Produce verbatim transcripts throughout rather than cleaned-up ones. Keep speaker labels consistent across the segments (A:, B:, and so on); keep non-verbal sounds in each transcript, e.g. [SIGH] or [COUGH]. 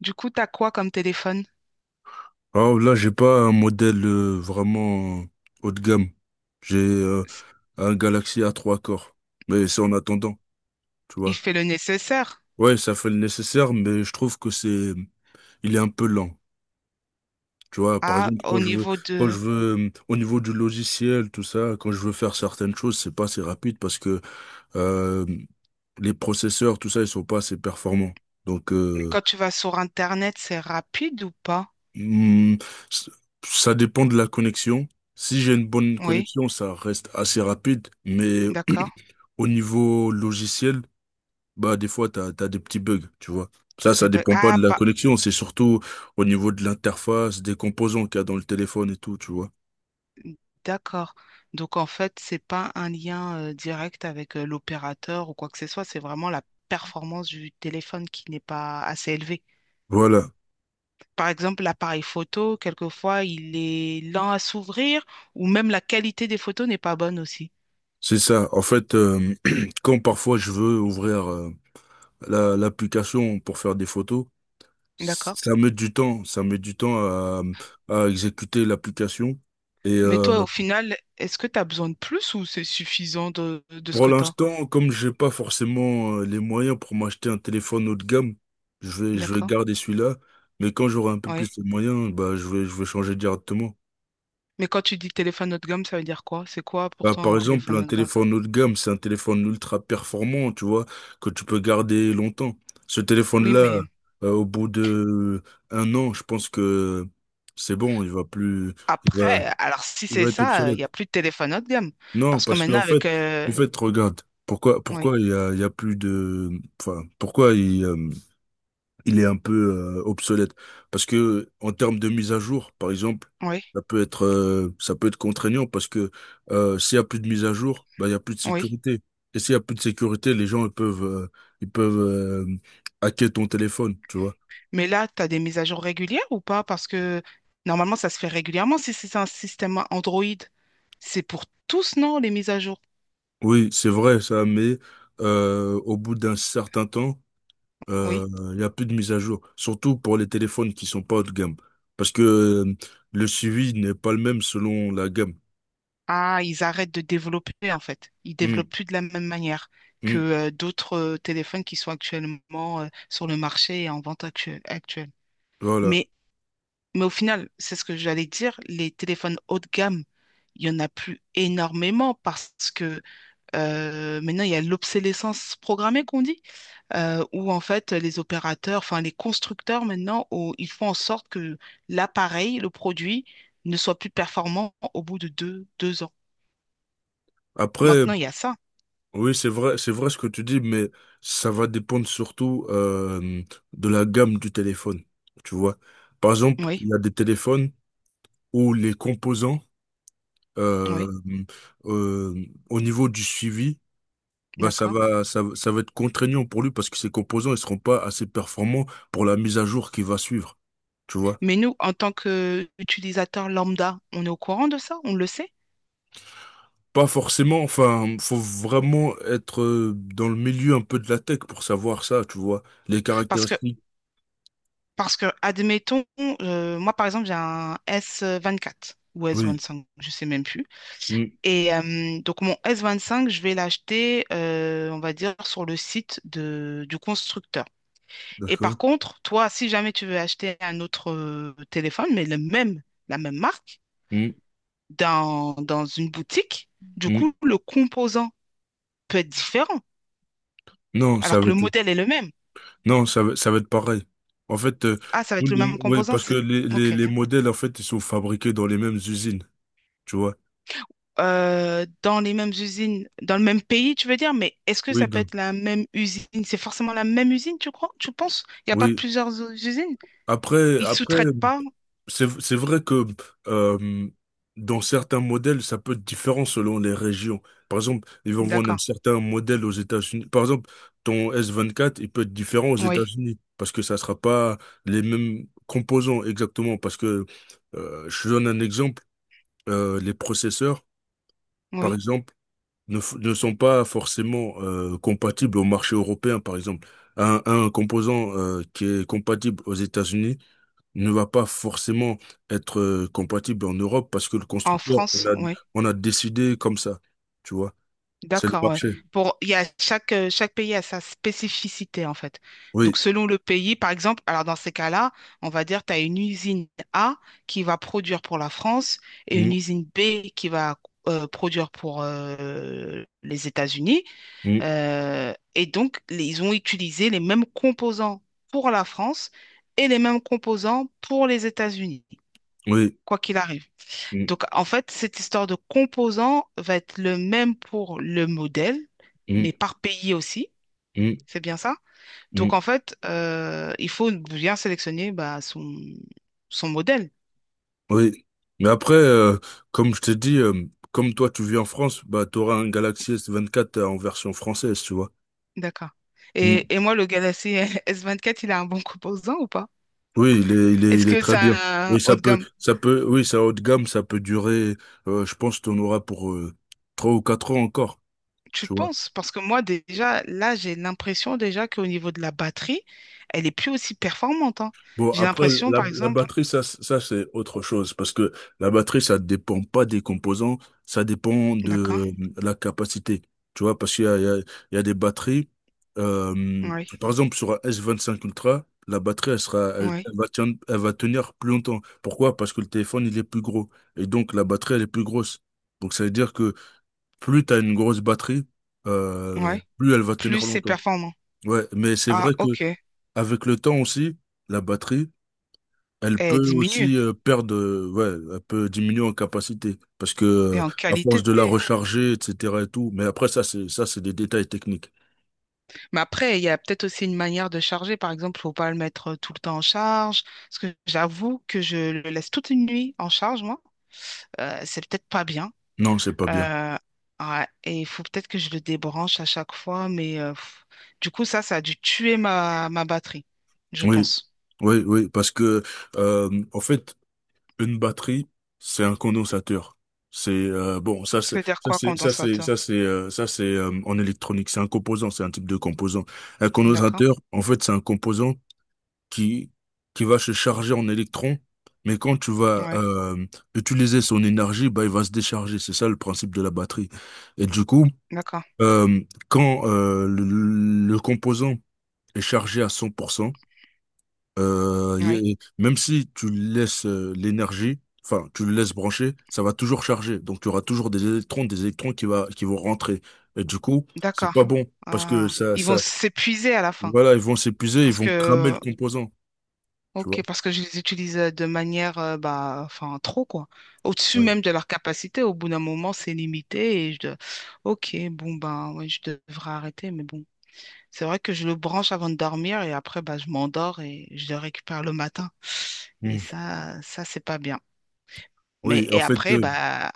A: Du coup, t'as quoi comme téléphone?
B: Alors là, j'ai pas un modèle euh, vraiment haut de gamme. J'ai euh,
A: S-
B: un Galaxy a trois corps. Mais c'est en attendant, tu
A: Il
B: vois.
A: fait le nécessaire.
B: Ouais, ça fait le nécessaire, mais je trouve que c'est, il est un peu lent. Tu vois, par
A: Ah,
B: exemple,
A: au
B: quand je veux,
A: niveau
B: quand
A: de...
B: je veux, euh, au niveau du logiciel, tout ça, quand je veux faire certaines choses, c'est pas assez rapide parce que euh, les processeurs, tout ça, ils sont pas assez performants. Donc,
A: Mais
B: euh,
A: quand tu vas sur Internet, c'est rapide ou pas?
B: Hmm, s- Ça dépend de la connexion. Si j'ai une bonne
A: Oui,
B: connexion, ça reste assez rapide, mais
A: d'accord.
B: [CLEARS THROAT] au niveau logiciel, bah des fois t'as t'as des petits bugs, tu vois.
A: T'as
B: Ça,
A: des
B: ça
A: bugs.
B: dépend pas
A: Ah,
B: de la
A: pas...
B: connexion, c'est surtout au niveau de l'interface, des composants qu'il y a dans le téléphone et tout, tu vois.
A: D'accord. Donc, en fait, c'est pas un lien euh, direct avec euh, l'opérateur ou quoi que ce soit. C'est vraiment la performance du téléphone qui n'est pas assez élevée.
B: Voilà,
A: Par exemple, l'appareil photo, quelquefois, il est lent à s'ouvrir ou même la qualité des photos n'est pas bonne aussi.
B: c'est ça. En fait, euh, [CLEARS THROAT] quand parfois je veux ouvrir euh, la- l'application pour faire des photos,
A: D'accord?
B: ça met du temps, ça met du temps à, à exécuter l'application. Et
A: Mais toi,
B: euh,
A: au final, est-ce que tu as besoin de plus ou c'est suffisant de, de ce
B: Pour
A: que tu as?
B: l'instant, comme j'ai pas forcément euh, les moyens pour m'acheter un téléphone haut de gamme, je vais, je vais
A: D'accord?
B: garder celui-là. Mais quand j'aurai un peu plus
A: Ouais.
B: de moyens, bah, je vais, je vais changer directement.
A: Mais quand tu dis téléphone haut de gamme, ça veut dire quoi? C'est quoi pour
B: Bah,
A: toi
B: par
A: un
B: exemple,
A: téléphone
B: un
A: haut de gamme?
B: téléphone haut de gamme, c'est un téléphone ultra performant, tu vois, que tu peux garder longtemps. Ce
A: Oui,
B: téléphone-là,
A: mais
B: euh, au bout de un an, je pense que c'est bon, il va plus, il va,
A: après, alors si
B: il
A: c'est
B: va être
A: ça, il
B: obsolète.
A: n'y a plus de téléphone haut de gamme.
B: Non,
A: Parce que
B: parce qu'en
A: maintenant,
B: fait,
A: avec... euh,
B: en fait, regarde, pourquoi,
A: Oui,
B: pourquoi il y a, il y a plus de, enfin, pourquoi il, euh, il est un peu euh, obsolète. Parce que en termes de mise à jour, par exemple,
A: oui,
B: ça peut être euh, ça peut être contraignant parce que euh, s'il y a plus de mise à jour, bah, il y a plus de
A: oui.
B: sécurité. Et s'il y a plus de sécurité, les gens ils peuvent euh, ils peuvent euh, hacker ton téléphone, tu vois.
A: Mais là, tu as des mises à jour régulières ou pas? Parce que normalement, ça se fait régulièrement si c'est un système Android. C'est pour tous, non, les mises à jour?
B: Oui, c'est vrai ça, mais euh, au bout d'un certain temps, euh,
A: Oui.
B: il y a plus de mise à jour, surtout pour les téléphones qui sont pas haut de gamme, parce que euh, le suivi n'est pas le même selon la gamme.
A: Ah, ils arrêtent de développer en fait. Ils
B: Hmm,
A: développent plus de la même manière que
B: hmm,
A: euh, d'autres euh, téléphones qui sont actuellement euh, sur le marché et en vente actu- actuelle.
B: voilà.
A: Mais, mais au final, c'est ce que j'allais dire, les téléphones haut de gamme, il y en a plus énormément parce que euh, maintenant il y a l'obsolescence programmée qu'on dit, euh, où en fait les opérateurs, enfin les constructeurs maintenant, oh, ils font en sorte que l'appareil, le produit, ne soit plus performant au bout de deux, deux ans.
B: Après.
A: Maintenant, il y a ça.
B: Oui, c'est vrai, c'est vrai ce que tu dis, mais ça va dépendre surtout euh, de la gamme du téléphone, tu vois. Par exemple,
A: Oui,
B: il y a des téléphones où les composants, euh,
A: oui,
B: euh, au niveau du suivi, bah ça
A: d'accord.
B: va, ça, va- ça va être contraignant pour lui parce que ces composants, ils seront pas assez performants pour la mise à jour qui va suivre, tu vois.
A: Mais nous, en tant qu'utilisateur lambda, on est au courant de ça, on le sait.
B: Pas forcément, enfin, faut vraiment être euh, dans le milieu un peu de la tech pour savoir ça, tu vois. Les
A: Parce que,
B: caractéristiques.
A: parce que admettons, euh, moi par exemple, j'ai un s vingt quatre ou s
B: Oui.
A: vingt cinq, je sais même plus.
B: Mm.
A: Et euh, donc mon s vingt cinq, je vais l'acheter, euh, on va dire, sur le site de, du constructeur. Et par
B: D'accord.
A: contre, toi, si jamais tu veux acheter un autre euh, téléphone, mais le même, la même marque,
B: Mmh.
A: dans, dans une boutique, du
B: Mm.
A: coup, le composant peut être différent.
B: Non,
A: Alors
B: ça va
A: que le
B: être,
A: modèle est le même.
B: non, ça va, ça va être pareil. En fait, euh,
A: Ah, ça va
B: tous
A: être le
B: les-
A: même
B: ouais,
A: composant,
B: parce que
A: c'est...
B: les, les,
A: Ok.
B: les modèles, en fait, ils sont fabriqués dans les mêmes usines, tu vois.
A: Euh, dans les mêmes usines, dans le même pays, tu veux dire, mais est-ce que
B: Oui,
A: ça peut
B: donc,
A: être la même usine? C'est forcément la même usine, tu crois? Tu penses? Il n'y a pas
B: oui.
A: plusieurs usines?
B: Après,
A: Ils
B: après,
A: sous-traitent pas?
B: c'est, c'est vrai que euh, dans certains modèles, ça peut être différent selon les régions. Par exemple, ils vont vendre un
A: D'accord.
B: certain modèle aux États-Unis. Par exemple, ton S vingt-quatre, il peut être différent aux
A: Oui,
B: États-Unis parce que ça sera pas les mêmes composants exactement. Parce que euh, je te donne un exemple euh, les processeurs, par
A: oui.
B: exemple, ne, f- ne sont pas forcément euh, compatibles au marché européen, par exemple. Un, un composant euh, qui est compatible aux États-Unis ne va pas forcément être euh, compatible en Europe parce que le
A: En
B: constructeur, on
A: France,
B: a,
A: oui.
B: on a décidé comme ça. Tu vois, c'est le
A: D'accord, ouais.
B: marché.
A: Pour, il y a chaque, euh, chaque pays a sa spécificité, en fait. Donc,
B: Oui,
A: selon le pays, par exemple, alors dans ces cas-là, on va dire tu as une usine A qui va produire pour la France et une
B: Mm,
A: usine B qui va euh, produire pour euh, les États-Unis.
B: mm,
A: Euh, et donc, les- ils ont utilisé les mêmes composants pour la France et les mêmes composants pour les États-Unis,
B: oui,
A: quoi qu'il arrive.
B: Mm,
A: Donc, en fait, cette histoire de composants va être le même pour le modèle,
B: mm,
A: mais par pays aussi.
B: mm,
A: C'est bien ça? Donc, en
B: mm,
A: fait, euh, il faut bien sélectionner bah, son, son modèle.
B: oui. Mais après, euh, comme je t'ai dit, euh, comme toi, tu vis en France, bah, tu auras un Galaxy S vingt-quatre en version française, tu vois.
A: D'accord.
B: Mmh.
A: Et, et moi, le Galaxy [LAUGHS] S vingt-quatre, il a un bon composant ou pas?
B: Oui, il est, il est,
A: Est-ce
B: il est
A: que
B: très
A: c'est
B: bien.
A: un
B: Et
A: haut
B: ça
A: de
B: peut,
A: gamme?
B: ça peut, oui, ça haut de gamme, ça peut durer, euh, je pense qu'on aura pour euh, trois ou quatre ans encore,
A: Tu
B: tu vois.
A: penses? Parce que moi, déjà, là, j'ai l'impression déjà qu'au niveau de la batterie, elle est plus aussi performante, hein.
B: Bon,
A: J'ai
B: après,
A: l'impression,
B: la,
A: par
B: la
A: exemple,
B: batterie, ça, c- ça c'est autre chose, parce que la batterie, ça dépend pas des composants, ça dépend de
A: d'accord,
B: euh, la capacité, tu vois, parce qu'il y a, il y a, il y a des batteries, euh,
A: oui,
B: par exemple, sur un s vingt cinq Ultra, la batterie, elle sera, elle,
A: oui,
B: elle va tenir, elle va tenir plus longtemps. Pourquoi? Parce que le téléphone, il est plus gros, et donc la batterie, elle est plus grosse. Donc, ça veut dire que plus tu as une grosse batterie, euh,
A: oui,
B: plus elle va
A: plus
B: tenir
A: c'est
B: longtemps.
A: performant.
B: Ouais, mais c'est vrai
A: Ah,
B: que
A: ok.
B: avec le temps aussi, la batterie, elle
A: Elle
B: peut
A: diminue.
B: aussi euh, perdre, euh, ouais, elle peut diminuer en capacité parce que
A: Et
B: euh,
A: en
B: à force
A: qualité.
B: de la recharger, et cetera et tout. Mais après ça, c'est ça, c'est des détails techniques.
A: Mais après, il y a peut-être aussi une manière de charger. Par exemple, faut pas le mettre euh, tout le temps en charge. Parce que j'avoue que je le laisse toute une nuit en charge, moi. Euh, c'est peut-être pas bien.
B: Non, c'est pas bien.
A: Euh, ouais. Et il faut peut-être que je le débranche à chaque fois. Mais euh, pff. Du coup, ça, ça a dû tuer ma, ma batterie, je
B: Oui,
A: pense.
B: oui, oui, parce que euh, en fait, une batterie, c'est un condensateur. C'est euh, bon, ça c'est
A: Ça veut dire
B: ça
A: quoi,
B: c'est ça c'est
A: condensateur?
B: ça c'est euh, ça c'est euh, en électronique, c'est un composant, c'est un type de composant. Un
A: D'accord.
B: condensateur, en fait, c'est un composant qui, qui va se charger en électrons, mais quand tu vas
A: Ouais.
B: euh, utiliser son énergie, bah, il va se décharger. C'est ça le principe de la batterie. Et du coup,
A: D'accord.
B: euh, quand euh, le, le composant est chargé à cent pour cent, euh,
A: Oui.
B: il- même si tu laisses euh, l'énergie, enfin, tu le laisses brancher, ça va toujours charger. Donc, tu auras toujours des électrons, des électrons qui, va, qui vont rentrer. Et du coup, c'est pas
A: D'accord.
B: bon parce que
A: Ah.
B: ça,
A: Ils vont
B: ça,
A: s'épuiser à la fin.
B: voilà, ils vont s'épuiser, ils
A: Parce
B: vont cramer le
A: que
B: composant, tu vois.
A: ok, parce que je les utilise euh, de manière, euh, bah, enfin, trop, quoi. Au-dessus
B: Ouais.
A: même de leur capacité, au bout d'un moment, c'est limité et je dois- Ok, bon, ben, ouais, je devrais arrêter, mais bon. C'est vrai que je le branche avant de dormir et après, bah, je m'endors et je le récupère le matin. Et ça, ça, c'est pas bien. Mais,
B: Oui, en
A: et
B: fait,
A: après,
B: euh,
A: bah,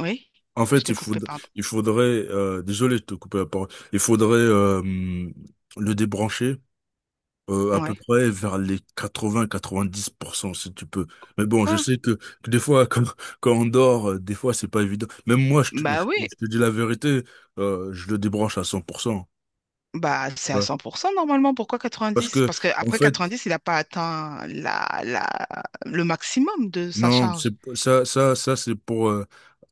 A: oui,
B: en
A: je
B: fait,
A: t'ai
B: il
A: coupé,
B: faudrait,
A: pardon.
B: il faudrait, euh, désolé de te couper la parole. Il faudrait euh, hum, le débrancher euh, à peu
A: Ouais.
B: près vers les quatre-vingts-quatre-vingt-dix pour cent si tu peux. Mais bon, je
A: Quoi?
B: sais que, que des fois, quand, quand on dort, euh, des fois, c'est pas évident. Même moi, je te, je,
A: Bah
B: te
A: oui,
B: je te dis la vérité, euh, je le débranche à cent pour cent.
A: bah, c'est
B: Tu
A: à
B: vois.
A: cent pour cent normalement. Pourquoi
B: Parce
A: quatre-vingt-dix?
B: que,
A: Parce que
B: en
A: après
B: fait,
A: quatre-vingt-dix il n'a pas atteint la, la, le maximum de sa
B: non, c'est
A: charge.
B: ça, ça, ça, c'est pour euh,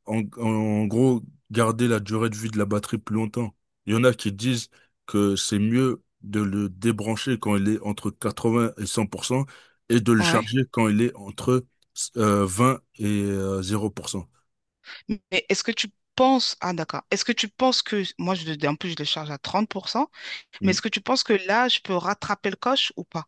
B: en, en gros, garder la durée de vie de la batterie plus longtemps. Il y en a qui disent que c'est mieux de le débrancher quand il est entre quatre-vingts et cent pour cent et de le
A: Ouais.
B: charger quand il est entre euh, vingt et euh, zéro pour cent.
A: Mais est-ce que tu penses... Ah, d'accord. Est-ce que tu penses que... Moi, je, le- en plus, je le charge à trente pour cent. Mais est-ce que tu penses que là, je peux rattraper le coche ou pas?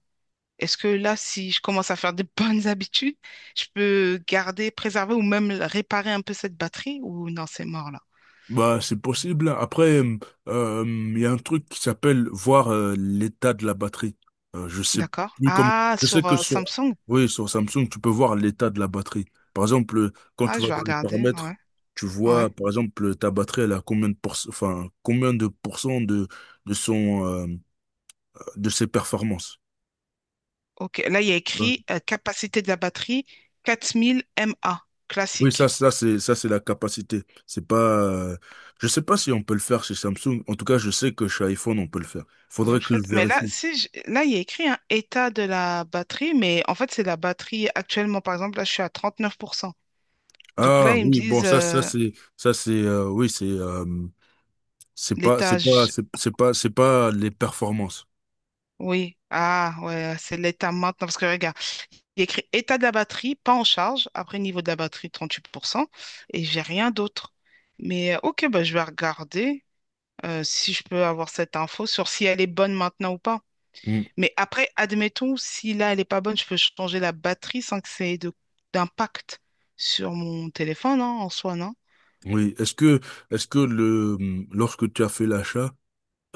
A: Est-ce que là, si je commence à faire de [LAUGHS] bonnes habitudes, je peux garder, préserver ou même réparer un peu cette batterie? Ou non, c'est mort là.
B: Bah, c'est possible. Après, euh, euh, il y a un truc qui s'appelle voir euh, l'état de la batterie. Euh, je sais
A: D'accord.
B: plus comment.
A: Ah,
B: Je sais
A: sur
B: que
A: euh,
B: sur,
A: Samsung.
B: oui, sur Samsung, tu peux voir l'état de la batterie. Par exemple, euh, quand
A: Ah,
B: tu
A: je
B: vas
A: vais
B: dans les
A: regarder,
B: paramètres,
A: ouais.
B: tu vois,
A: Ouais.
B: par exemple, ta batterie, elle a combien de pourc- enfin, combien de pourcents de, de son, euh, de ses performances.
A: Ok, là, il y a
B: Ouais.
A: écrit euh, capacité de la batterie quatre mille mAh,
B: Oui, ça,
A: classique.
B: ça, c'est, ça, c'est la capacité. C'est pas, euh, je sais pas si on peut le faire chez Samsung. En tout cas, je sais que chez iPhone, on peut le faire.
A: Vous
B: Faudrait
A: le
B: que je
A: faites? Mais là,
B: vérifie.
A: si je- là, il y a écrit un état de la batterie, mais en fait, c'est la batterie actuellement. Par exemple, là, je suis à trente-neuf pour cent. Donc
B: Ah
A: là, ils me
B: oui, bon
A: disent
B: ça ça
A: euh,
B: c'est ça c'est euh, oui c'est euh, c'est pas c'est pas
A: l'étage.
B: c'est c'est pas c'est pas les performances.
A: Oui. Ah, ouais, c'est l'état maintenant. Parce que regarde, il y a écrit état de la batterie, pas en charge. Après, niveau de la batterie, trente-huit pour cent. Et j'ai rien d'autre. Mais euh, ok, bah, je vais regarder euh, si je peux avoir cette info sur si elle est bonne maintenant ou pas.
B: Mm.
A: Mais après, admettons, si là, elle n'est pas bonne, je peux changer la batterie sans que ça ait de- d'impact sur mon téléphone, hein, en soi, non?
B: Oui, est-ce que est-ce que le mmh, lorsque tu as fait l'achat,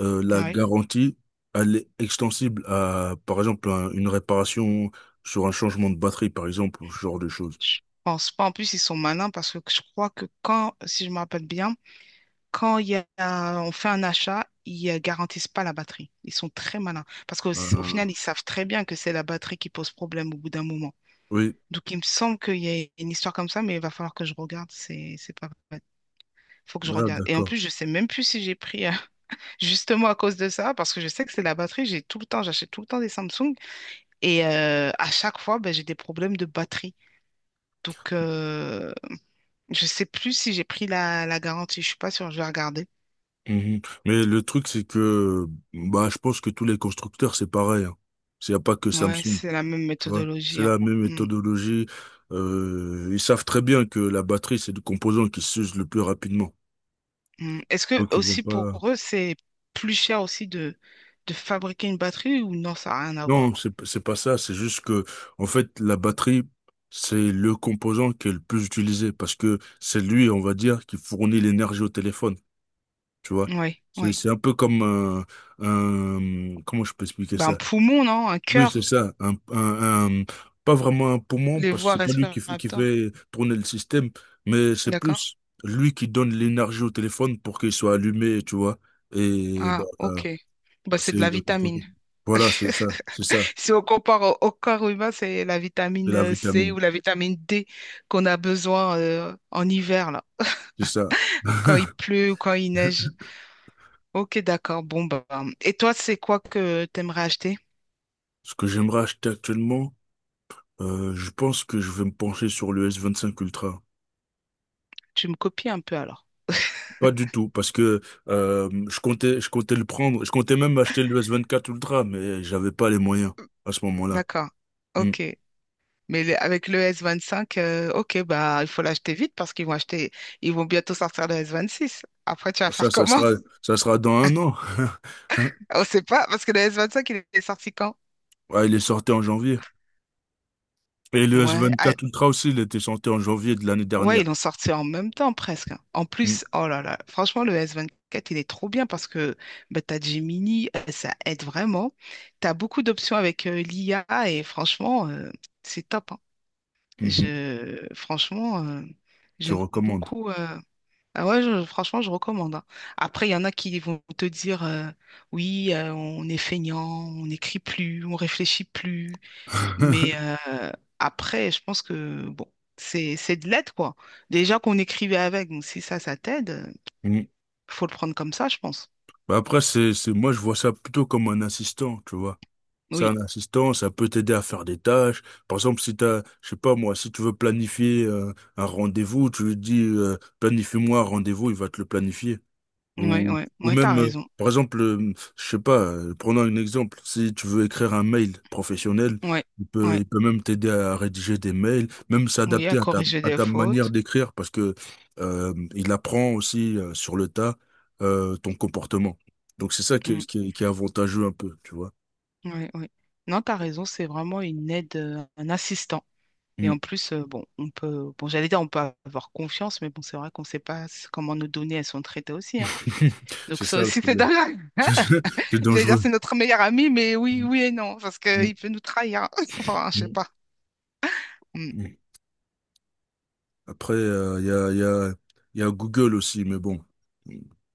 B: euh, la
A: Oui.
B: garantie elle est extensible à par exemple un- une réparation sur un changement de batterie par exemple, ou ce genre de choses.
A: Je pense pas. En plus, ils sont malins parce que je crois que quand, si je me rappelle bien, quand il y a, on fait un achat, ils euh, garantissent pas la batterie. Ils sont très malins. Parce qu'au au
B: Euh,
A: final, ils savent très bien que c'est la batterie qui pose problème au bout d'un moment.
B: oui,
A: Donc, il me semble qu'il y a une histoire comme ça, mais il va falloir que je regarde. C'est, c'est pas vrai. Faut que je
B: ah,
A: regarde. Et en
B: d'accord.
A: plus, je sais même plus si j'ai pris euh, justement à cause de ça, parce que je sais que c'est la batterie, j'ai tout le temps, j'achète tout le temps des Samsung et euh, à chaque fois, ben, j'ai des problèmes de batterie. Donc, euh, je sais plus si j'ai pris la, la garantie, je suis pas sûre, je vais regarder.
B: Mhm. Mais le truc c'est que bah je pense que tous les constructeurs c'est pareil. Hein. Il n'y a pas que
A: Ouais,
B: Samsung.
A: c'est la même
B: Tu vois, c'est
A: méthodologie, hein.
B: la même
A: Mm,
B: méthodologie. Euh, ils savent très bien que la batterie, c'est le composant qui s'use le plus rapidement.
A: mm. Est-ce que
B: Donc ils vont
A: aussi pour
B: pas.
A: eux, c'est plus cher aussi de, de fabriquer une batterie ou non, ça n'a rien à voir?
B: Non, c'est p- c'est pas ça. C'est juste que, en fait, la batterie, c'est le composant qui est le plus utilisé parce que c'est lui, on va dire, qui fournit l'énergie au téléphone. Tu vois,
A: Oui,
B: c'est
A: oui.
B: c'est un peu comme un, un- comment je peux expliquer
A: Ben, un
B: ça?
A: poumon, non? Un
B: Oui, c'est
A: cœur,
B: ça. Un, un- un- pas vraiment un poumon,
A: les
B: parce que
A: voies
B: c'est pas lui qui, f- qui
A: respiratoires.
B: fait tourner le système, mais c'est
A: D'accord?
B: plus lui qui donne l'énergie au téléphone pour qu'il soit allumé, tu vois. Et
A: Ah,
B: bon, euh,
A: ok. Bah, c'est
B: c'est
A: de la
B: le-
A: vitamine.
B: voilà, c'est ça, c'est
A: [LAUGHS]
B: ça,
A: Si on compare au, au corps humain, c'est la
B: c'est
A: vitamine
B: la
A: euh, C ou
B: vitamine,
A: la vitamine D qu'on a besoin euh, en hiver, là,
B: c'est ça.
A: quand il
B: [LAUGHS]
A: pleut ou quand il neige. Ok, d'accord. Bon, bah. Bah. Et toi, c'est quoi que tu aimerais acheter?
B: Ce que j'aimerais acheter actuellement, euh, je pense que je vais me pencher sur le S vingt-cinq Ultra.
A: Tu me copies un peu alors.
B: Pas du tout, parce que euh, je comptais, je comptais le prendre, je comptais même acheter le S vingt-quatre Ultra, mais j'avais pas les moyens à ce moment-là.
A: D'accord.
B: Hmm.
A: Ok. Mais le- avec le S vingt-cinq, euh, ok, bah, il faut l'acheter vite parce qu'ils vont acheter, ils vont bientôt sortir le S vingt-six. Après, tu vas
B: Ça,
A: faire
B: ça
A: comment?
B: sera, ça sera dans un an. [LAUGHS]
A: [LAUGHS] On sait pas, parce que le S vingt-cinq, il est sorti quand?
B: Ouais, il est sorti en janvier. Et le
A: Ouais. Ah,
B: S vingt-quatre Ultra aussi, il était sorti en janvier de l'année
A: ouais, ils
B: dernière.
A: l'ont sorti en même temps presque. En
B: Mm,
A: plus, oh là là, franchement, le S vingt-quatre, il est trop bien parce que bah, tu as Gemini, euh, ça aide vraiment. Tu as beaucoup d'options avec euh, l'I A et franchement, euh, c'est top, hein.
B: mhm.
A: Je, franchement, euh,
B: Tu
A: j'aime
B: recommandes.
A: beaucoup, euh, ah ouais, je- franchement, je recommande, hein. Après, il y en a qui vont te dire euh, oui, euh, on est feignant, on n'écrit plus, on réfléchit plus. Mais
B: [LAUGHS]
A: euh, après, je pense que bon, c'est c'est de l'aide, quoi. Déjà qu'on écrivait avec, donc si ça, ça t'aide, euh,
B: Mm.
A: faut le prendre comme ça, je pense.
B: Bah. Après, c'est, c'est, moi, je vois ça plutôt comme un assistant, tu vois. C'est
A: Oui,
B: un assistant, ça peut t'aider à faire des tâches. Par exemple, si t'as, je sais pas moi, si tu veux planifier euh, un rendez-vous, tu lui dis euh, planifie-moi un rendez-vous, il va te le planifier.
A: ouais,
B: Ou,
A: ouais,
B: ou
A: ouais, t'as
B: même, euh,
A: raison.
B: par exemple, euh, je sais pas, euh, prenons un exemple. Si tu veux écrire un mail professionnel,
A: Ouais,
B: il peut,
A: ouais,
B: il peut même t'aider à rédiger des mails, même
A: oui, à
B: s'adapter à ta,
A: corriger
B: à
A: des
B: ta manière
A: fautes.
B: d'écrire, parce que euh, il apprend aussi euh, sur le tas euh, ton comportement. Donc c'est ça qui est,
A: Mm,
B: qui est, qui est avantageux un peu, tu vois.
A: ouais, ouais. Non, t'as raison, c'est vraiment une aide, euh, un assistant. Et
B: Mm.
A: en plus, euh, bon, on peut, bon, j'allais dire, on peut avoir confiance, mais bon, c'est vrai qu'on ne sait pas s- comment nos données, elles sont traitées aussi, hein.
B: [LAUGHS]
A: Donc
B: C'est
A: ça
B: ça le
A: aussi, [LAUGHS] c'est
B: problème.
A: dingue.
B: [LAUGHS] C'est
A: J'allais dire
B: dangereux.
A: c'est notre meilleur ami, mais oui,
B: Mm,
A: oui et non, parce
B: mm,
A: qu'il peut nous trahir. [LAUGHS] Enfin, je sais
B: mm.
A: pas. Hmm.
B: Mm. Après, euh, il y a, y a, y a Google aussi, mais bon.